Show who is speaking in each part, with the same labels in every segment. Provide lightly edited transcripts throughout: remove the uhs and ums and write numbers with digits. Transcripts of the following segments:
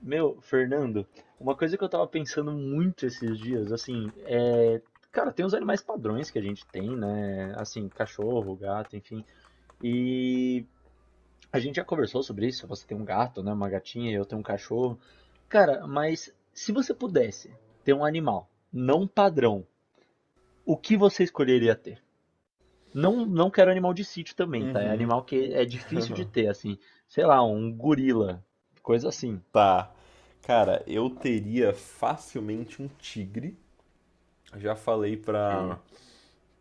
Speaker 1: Meu, Fernando, uma coisa que eu tava pensando muito esses dias, assim, é. Cara, tem os animais padrões que a gente tem, né? Assim, cachorro, gato, enfim. E a gente já conversou sobre isso. Você tem um gato, né? Uma gatinha, eu tenho um cachorro. Cara, mas se você pudesse ter um animal não padrão, o que você escolheria ter? Não, não quero animal de sítio também, tá? É
Speaker 2: Uhum.
Speaker 1: animal que é difícil de ter, assim. Sei lá, um gorila, coisa assim.
Speaker 2: Tá. Cara, eu teria facilmente um tigre. Já falei
Speaker 1: Ok.
Speaker 2: pra,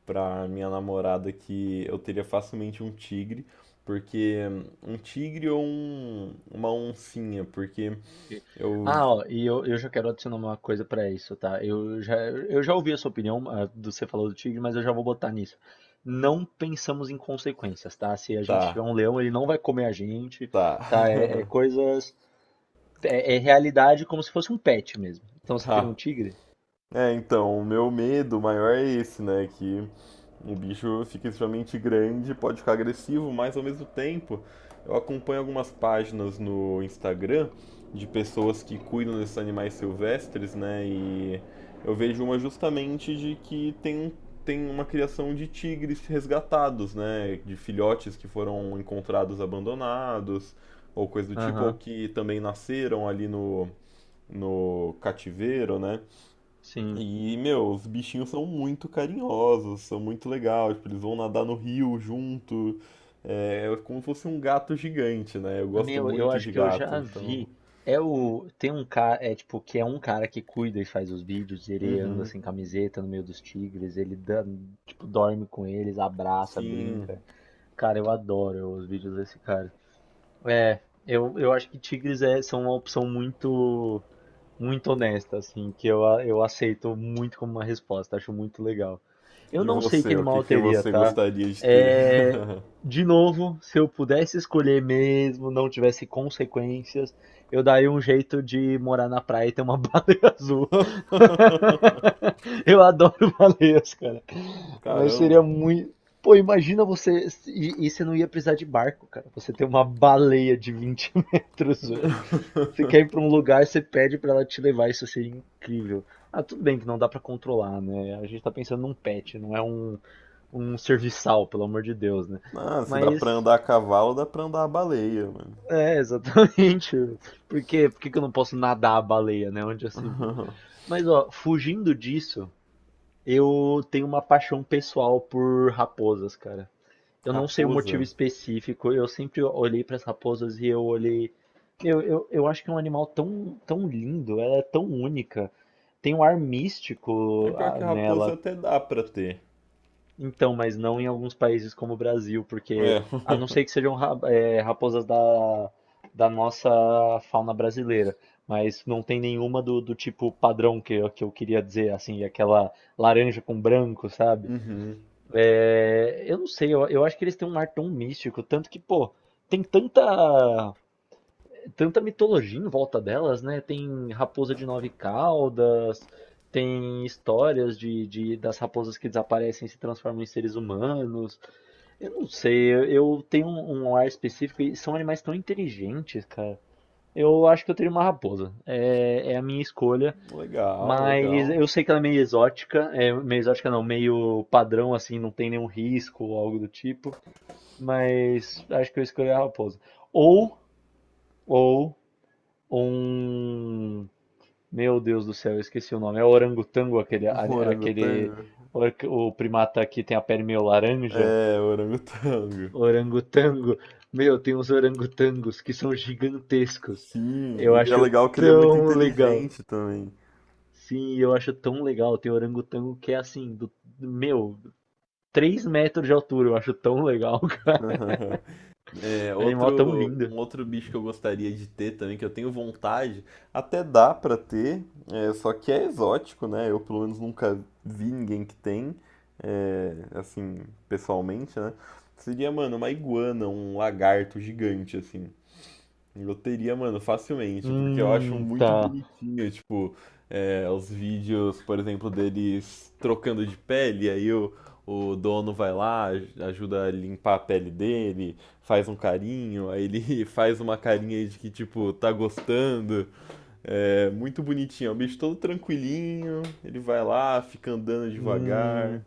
Speaker 2: Pra minha namorada que eu teria facilmente um tigre, porque um tigre ou uma oncinha, porque
Speaker 1: E-
Speaker 2: eu.
Speaker 1: Ah, ó, eu já quero adicionar uma coisa pra isso, tá? Eu já ouvi a sua opinião, a do você falou do tigre, mas eu já vou botar nisso. Não pensamos em consequências, tá? Se a gente tiver
Speaker 2: Tá,
Speaker 1: um leão, ele não vai comer a gente,
Speaker 2: tá,
Speaker 1: tá? É coisas. É, é realidade como se fosse um pet mesmo. Então você teria um
Speaker 2: tá.
Speaker 1: tigre?
Speaker 2: É, então, o meu medo maior é esse, né? Que o bicho fica extremamente grande, pode ficar agressivo, mas ao mesmo tempo eu acompanho algumas páginas no Instagram de pessoas que cuidam desses animais silvestres, né? E eu vejo uma justamente de que tem, um, tem uma criação de tigres resgatados, né? De filhotes que foram encontrados abandonados, ou coisa do tipo, ou
Speaker 1: Aham,
Speaker 2: que também nasceram ali no cativeiro, né?
Speaker 1: sim.
Speaker 2: E, meu, os bichinhos são muito carinhosos, são muito legais, tipo, eles vão nadar no rio junto. É, é como se fosse um gato gigante, né? Eu gosto
Speaker 1: Meu, eu
Speaker 2: muito
Speaker 1: acho
Speaker 2: de
Speaker 1: que eu
Speaker 2: gato,
Speaker 1: já
Speaker 2: então.
Speaker 1: vi. É o. Tem um cara. É tipo, que é um cara que cuida e faz os vídeos. Ele anda
Speaker 2: Uhum.
Speaker 1: sem camiseta no meio dos tigres. Ele dá, tipo, dorme com eles, abraça,
Speaker 2: Sim.
Speaker 1: brinca. Cara, eu adoro os vídeos desse cara. É, eu acho que tigres são uma opção muito muito honesta, assim, que eu, eu aceito muito como uma resposta, acho muito legal. Eu
Speaker 2: E
Speaker 1: não sei que
Speaker 2: você, o
Speaker 1: animal
Speaker 2: que
Speaker 1: eu
Speaker 2: que
Speaker 1: teria,
Speaker 2: você
Speaker 1: tá?
Speaker 2: gostaria de ter?
Speaker 1: É, de novo, se eu pudesse escolher mesmo, não tivesse consequências, eu daria um jeito de morar na praia e ter uma baleia azul. Eu adoro baleias, cara. Mas seria
Speaker 2: Caramba.
Speaker 1: muito. Pô, imagina você. E você não ia precisar de barco, cara. Você ter uma baleia de 20 metros, você quer ir pra um lugar, você pede pra ela te levar, isso seria incrível. Ah, tudo bem que não dá pra controlar, né? A gente tá pensando num pet, não é um, um serviçal, pelo amor de Deus, né?
Speaker 2: Ah, se dá pra
Speaker 1: Mas,
Speaker 2: andar a cavalo, dá pra andar a baleia, mano.
Speaker 1: é, exatamente. Por quê? Por que que eu não posso nadar a baleia, né? Onde já se viu. Mas, ó, fugindo disso, eu tenho uma paixão pessoal por raposas, cara. Eu não sei o motivo
Speaker 2: Raposa.
Speaker 1: específico, eu sempre olhei para as raposas e eu olhei. Eu acho que é um animal tão, tão lindo, ela é tão única, tem um ar
Speaker 2: É,
Speaker 1: místico
Speaker 2: pior que raposa
Speaker 1: nela.
Speaker 2: até dá pra ter.
Speaker 1: Então, mas não em alguns países como o Brasil, porque
Speaker 2: É.
Speaker 1: a não ser que sejam raposas da nossa fauna brasileira, mas não tem nenhuma do tipo padrão que, que eu queria dizer, assim, aquela laranja com branco, sabe?
Speaker 2: Uhum.
Speaker 1: É, eu não sei, eu acho que eles têm um ar tão místico, tanto que, pô, tem tanta, tanta mitologia em volta delas, né? Tem raposa de nove caudas, tem histórias das raposas que desaparecem e se transformam em seres humanos. Eu não sei, eu tenho um ar específico e são animais tão inteligentes, cara. Eu acho que eu teria uma raposa. É a minha escolha.
Speaker 2: Legal,
Speaker 1: Mas
Speaker 2: legal.
Speaker 1: eu sei que ela é meio exótica não, meio padrão assim, não tem nenhum risco ou algo do tipo, mas acho que eu escolhi a raposa. Ou, ou um, meu Deus do céu, eu esqueci o nome, é o orangotango,
Speaker 2: Um
Speaker 1: aquele,
Speaker 2: orangotango?
Speaker 1: o primata que tem a pele meio laranja,
Speaker 2: É, orangotango.
Speaker 1: orangotango. Meu, tem uns orangotangos que são gigantescos. Eu
Speaker 2: Sim, e é
Speaker 1: acho
Speaker 2: legal que ele é muito
Speaker 1: tão legal.
Speaker 2: inteligente também.
Speaker 1: Sim, eu acho tão legal. Tem orangotango que é assim, meu, 3 metros de altura. Eu acho tão legal.
Speaker 2: É,
Speaker 1: É um animal tão lindo.
Speaker 2: um outro bicho que eu gostaria de ter também, que eu tenho vontade, até dá pra ter, é, só que é exótico, né? Eu pelo menos nunca vi ninguém que tem, é, assim, pessoalmente, né? Seria, mano, uma iguana, um lagarto gigante, assim. Eu teria, mano, facilmente, porque eu acho muito
Speaker 1: Tá.
Speaker 2: bonitinho, tipo, é, os vídeos, por exemplo, deles trocando de pele, o dono vai lá, ajuda a limpar a pele dele, faz um carinho, aí ele faz uma carinha de que, tipo, tá gostando. É muito bonitinho, é um bicho todo tranquilinho, ele vai lá, fica andando devagar.
Speaker 1: Hum,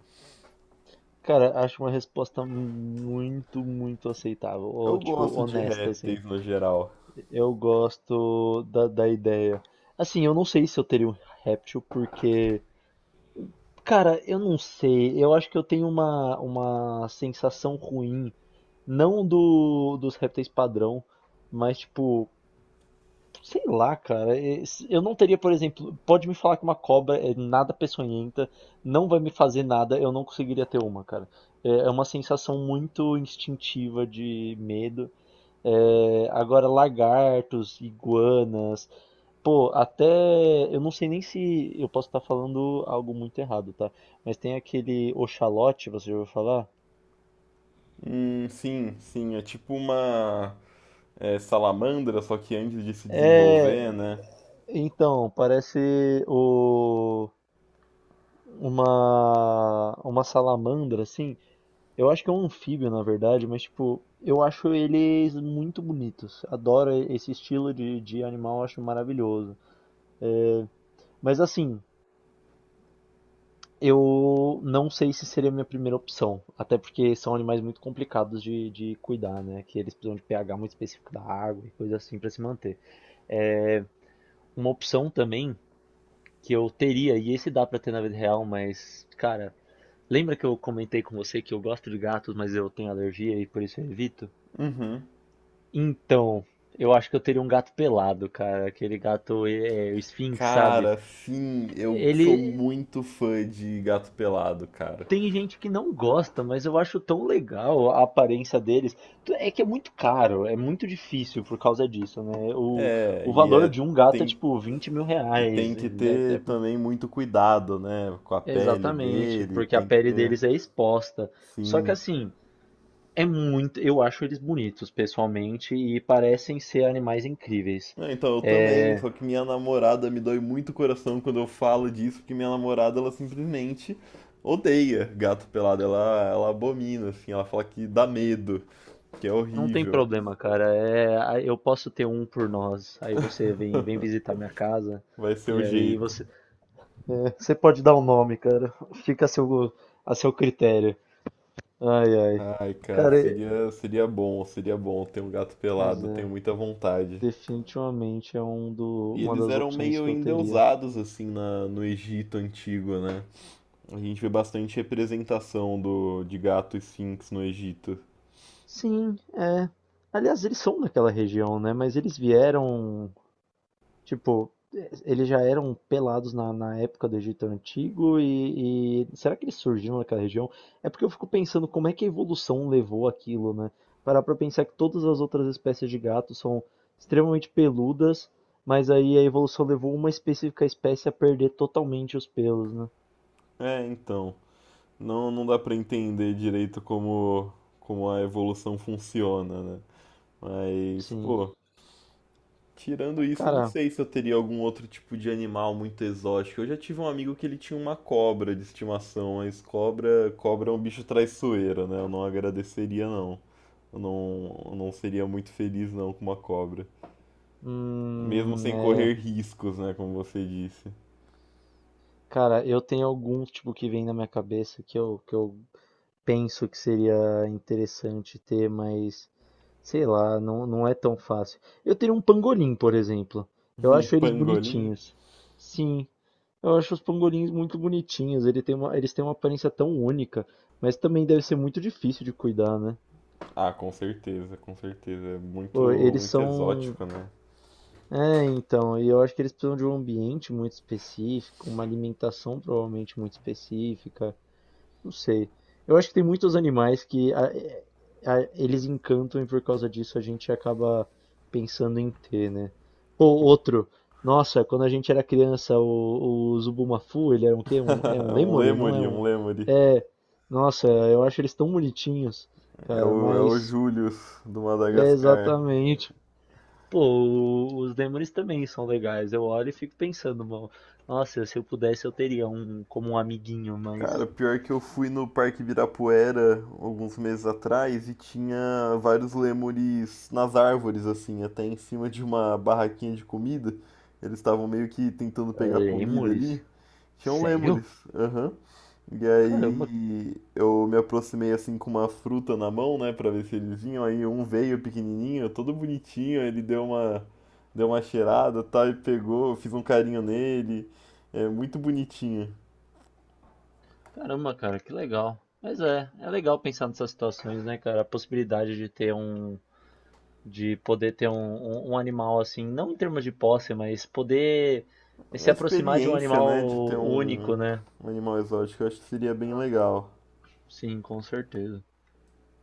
Speaker 1: cara, acho uma resposta muito, muito aceitável.
Speaker 2: Eu
Speaker 1: Ou, tipo,
Speaker 2: gosto de
Speaker 1: honesta, assim.
Speaker 2: répteis no geral.
Speaker 1: Eu gosto da ideia. Assim, eu não sei se eu teria um réptil, porque. Cara, eu não sei. Eu acho que eu tenho uma sensação ruim. Não dos répteis padrão, mas, tipo, sei lá, cara. Eu não teria, por exemplo, pode me falar que uma cobra é nada peçonhenta, não vai me fazer nada, eu não conseguiria ter uma, cara. É uma sensação muito instintiva de medo. É, agora, lagartos, iguanas, pô, até. Eu não sei nem se. Eu posso estar falando algo muito errado, tá? Mas tem aquele oxalote, você já ouviu falar?
Speaker 2: Sim, sim, é tipo uma, é, salamandra, só que antes de se desenvolver,
Speaker 1: É.
Speaker 2: né?
Speaker 1: Então, parece o. uma salamandra assim. Eu acho que é um anfíbio, na verdade, mas tipo, eu acho eles muito bonitos. Adoro esse estilo de animal, acho maravilhoso. É, mas assim, eu não sei se seria a minha primeira opção, até porque são animais muito complicados de cuidar, né? Que eles precisam de pH muito específico da água e coisa assim para se manter. É uma opção também que eu teria, e esse dá para ter na vida real, mas cara, lembra que eu comentei com você que eu gosto de gatos, mas eu tenho alergia e por isso eu evito?
Speaker 2: Uhum.
Speaker 1: Então, eu acho que eu teria um gato pelado, cara. Aquele gato o Sphinx, sabe?
Speaker 2: Cara, sim, eu sou
Speaker 1: Ele
Speaker 2: muito fã de gato pelado, cara.
Speaker 1: tem gente que não gosta, mas eu acho tão legal a aparência deles. É que é muito caro, é muito difícil por causa disso, né?
Speaker 2: É,
Speaker 1: O
Speaker 2: e
Speaker 1: valor
Speaker 2: é,
Speaker 1: de um gato é
Speaker 2: tem,
Speaker 1: tipo 20 mil
Speaker 2: e tem
Speaker 1: reais,
Speaker 2: que
Speaker 1: né?
Speaker 2: ter também muito cuidado, né? Com a pele
Speaker 1: Exatamente,
Speaker 2: dele,
Speaker 1: porque a
Speaker 2: tem que
Speaker 1: pele
Speaker 2: ter,
Speaker 1: deles é exposta. Só que
Speaker 2: sim.
Speaker 1: assim. É muito, eu acho eles bonitos pessoalmente e parecem ser animais incríveis.
Speaker 2: Ah, então, eu também,
Speaker 1: É,
Speaker 2: só que minha namorada me dói muito o coração quando eu falo disso, porque minha namorada, ela simplesmente odeia gato pelado, ela abomina, assim, ela fala que dá medo, que é
Speaker 1: não tem
Speaker 2: horrível.
Speaker 1: problema, cara. É, eu posso ter um por nós. Aí você vem, vem visitar minha casa
Speaker 2: Vai ser
Speaker 1: e
Speaker 2: o
Speaker 1: aí
Speaker 2: jeito.
Speaker 1: você, você pode dar o nome, cara. Fica a seu critério. Ai, ai.
Speaker 2: Ai, cara,
Speaker 1: Cara,
Speaker 2: seria bom ter um gato
Speaker 1: mas
Speaker 2: pelado, tenho
Speaker 1: é,
Speaker 2: muita vontade.
Speaker 1: definitivamente é
Speaker 2: E
Speaker 1: uma
Speaker 2: eles
Speaker 1: das
Speaker 2: eram
Speaker 1: opções
Speaker 2: meio
Speaker 1: que eu teria.
Speaker 2: endeusados, assim, na, no Egito antigo, né? A gente vê bastante representação do, de gato esfinx no Egito.
Speaker 1: Sim, é. Aliás, eles são daquela região, né? Mas eles vieram tipo, eles já eram pelados na época do Egito Antigo e será que eles surgiram naquela região? É porque eu fico pensando como é que a evolução levou aquilo, né? Parar pra pensar que todas as outras espécies de gatos são extremamente peludas, mas aí a evolução levou uma específica espécie a perder totalmente os pelos, né?
Speaker 2: É, então, não dá pra entender direito como, como a evolução funciona, né? Mas,
Speaker 1: Sim.
Speaker 2: pô, tirando isso, eu não
Speaker 1: Cara,
Speaker 2: sei se eu teria algum outro tipo de animal muito exótico. Eu já tive um amigo que ele tinha uma cobra de estimação, mas cobra, cobra é um bicho traiçoeiro, né? Eu não agradeceria, não. Eu não seria muito feliz, não, com uma cobra. Mesmo sem
Speaker 1: é,
Speaker 2: correr riscos, né? Como você disse.
Speaker 1: cara, eu tenho alguns tipo que vem na minha cabeça que eu penso que seria interessante ter, mas sei lá, não é tão fácil. Eu tenho um pangolim, por exemplo. Eu
Speaker 2: Um
Speaker 1: acho eles
Speaker 2: pangolim?
Speaker 1: bonitinhos. Sim, eu acho os pangolins muito bonitinhos. Ele tem uma, eles têm uma aparência tão única, mas também deve ser muito difícil de cuidar, né?
Speaker 2: Ah, com certeza, com certeza. É muito,
Speaker 1: Pô, eles
Speaker 2: muito
Speaker 1: são.
Speaker 2: exótico, né?
Speaker 1: É, então, e eu acho que eles precisam de um ambiente muito específico, uma alimentação provavelmente muito específica. Não sei. Eu acho que tem muitos animais eles encantam e por causa disso a gente acaba pensando em ter, né? Pô, outro. Nossa, quando a gente era criança, o Zubumafu, ele era um quê? Um, é um
Speaker 2: É um
Speaker 1: lêmure? Não é
Speaker 2: lemuri, um
Speaker 1: um.
Speaker 2: lemuri.
Speaker 1: É. Nossa, eu acho eles tão bonitinhos, cara,
Speaker 2: É o
Speaker 1: mas.
Speaker 2: július do
Speaker 1: É
Speaker 2: Madagascar.
Speaker 1: exatamente. Pô, os lêmures também são legais. Eu olho e fico pensando, mano. Nossa, se eu pudesse, eu teria um como um amiguinho,
Speaker 2: Cara,
Speaker 1: mas.
Speaker 2: pior que eu fui no Parque Ibirapuera alguns meses atrás e tinha vários lêmures nas árvores, assim, até em cima de uma barraquinha de comida. Eles estavam meio que tentando
Speaker 1: Ah,
Speaker 2: pegar comida
Speaker 1: lêmures?
Speaker 2: ali. Tinham
Speaker 1: Sério?
Speaker 2: lêmures, aham. E
Speaker 1: Caramba,
Speaker 2: aí eu me aproximei assim com uma fruta na mão, né, pra ver se eles vinham. Aí um veio pequenininho, todo bonitinho, ele deu uma cheirada, tal, e pegou, eu fiz um carinho nele. É muito bonitinho.
Speaker 1: caramba, cara, que legal. Mas é, é legal pensar nessas situações, né, cara? A possibilidade de ter um, de poder ter um animal assim, não em termos de posse, mas poder se
Speaker 2: A
Speaker 1: aproximar de um
Speaker 2: experiência, né, de ter
Speaker 1: animal único,
Speaker 2: um,
Speaker 1: né?
Speaker 2: um animal exótico, eu acho que seria bem legal.
Speaker 1: Sim, com certeza.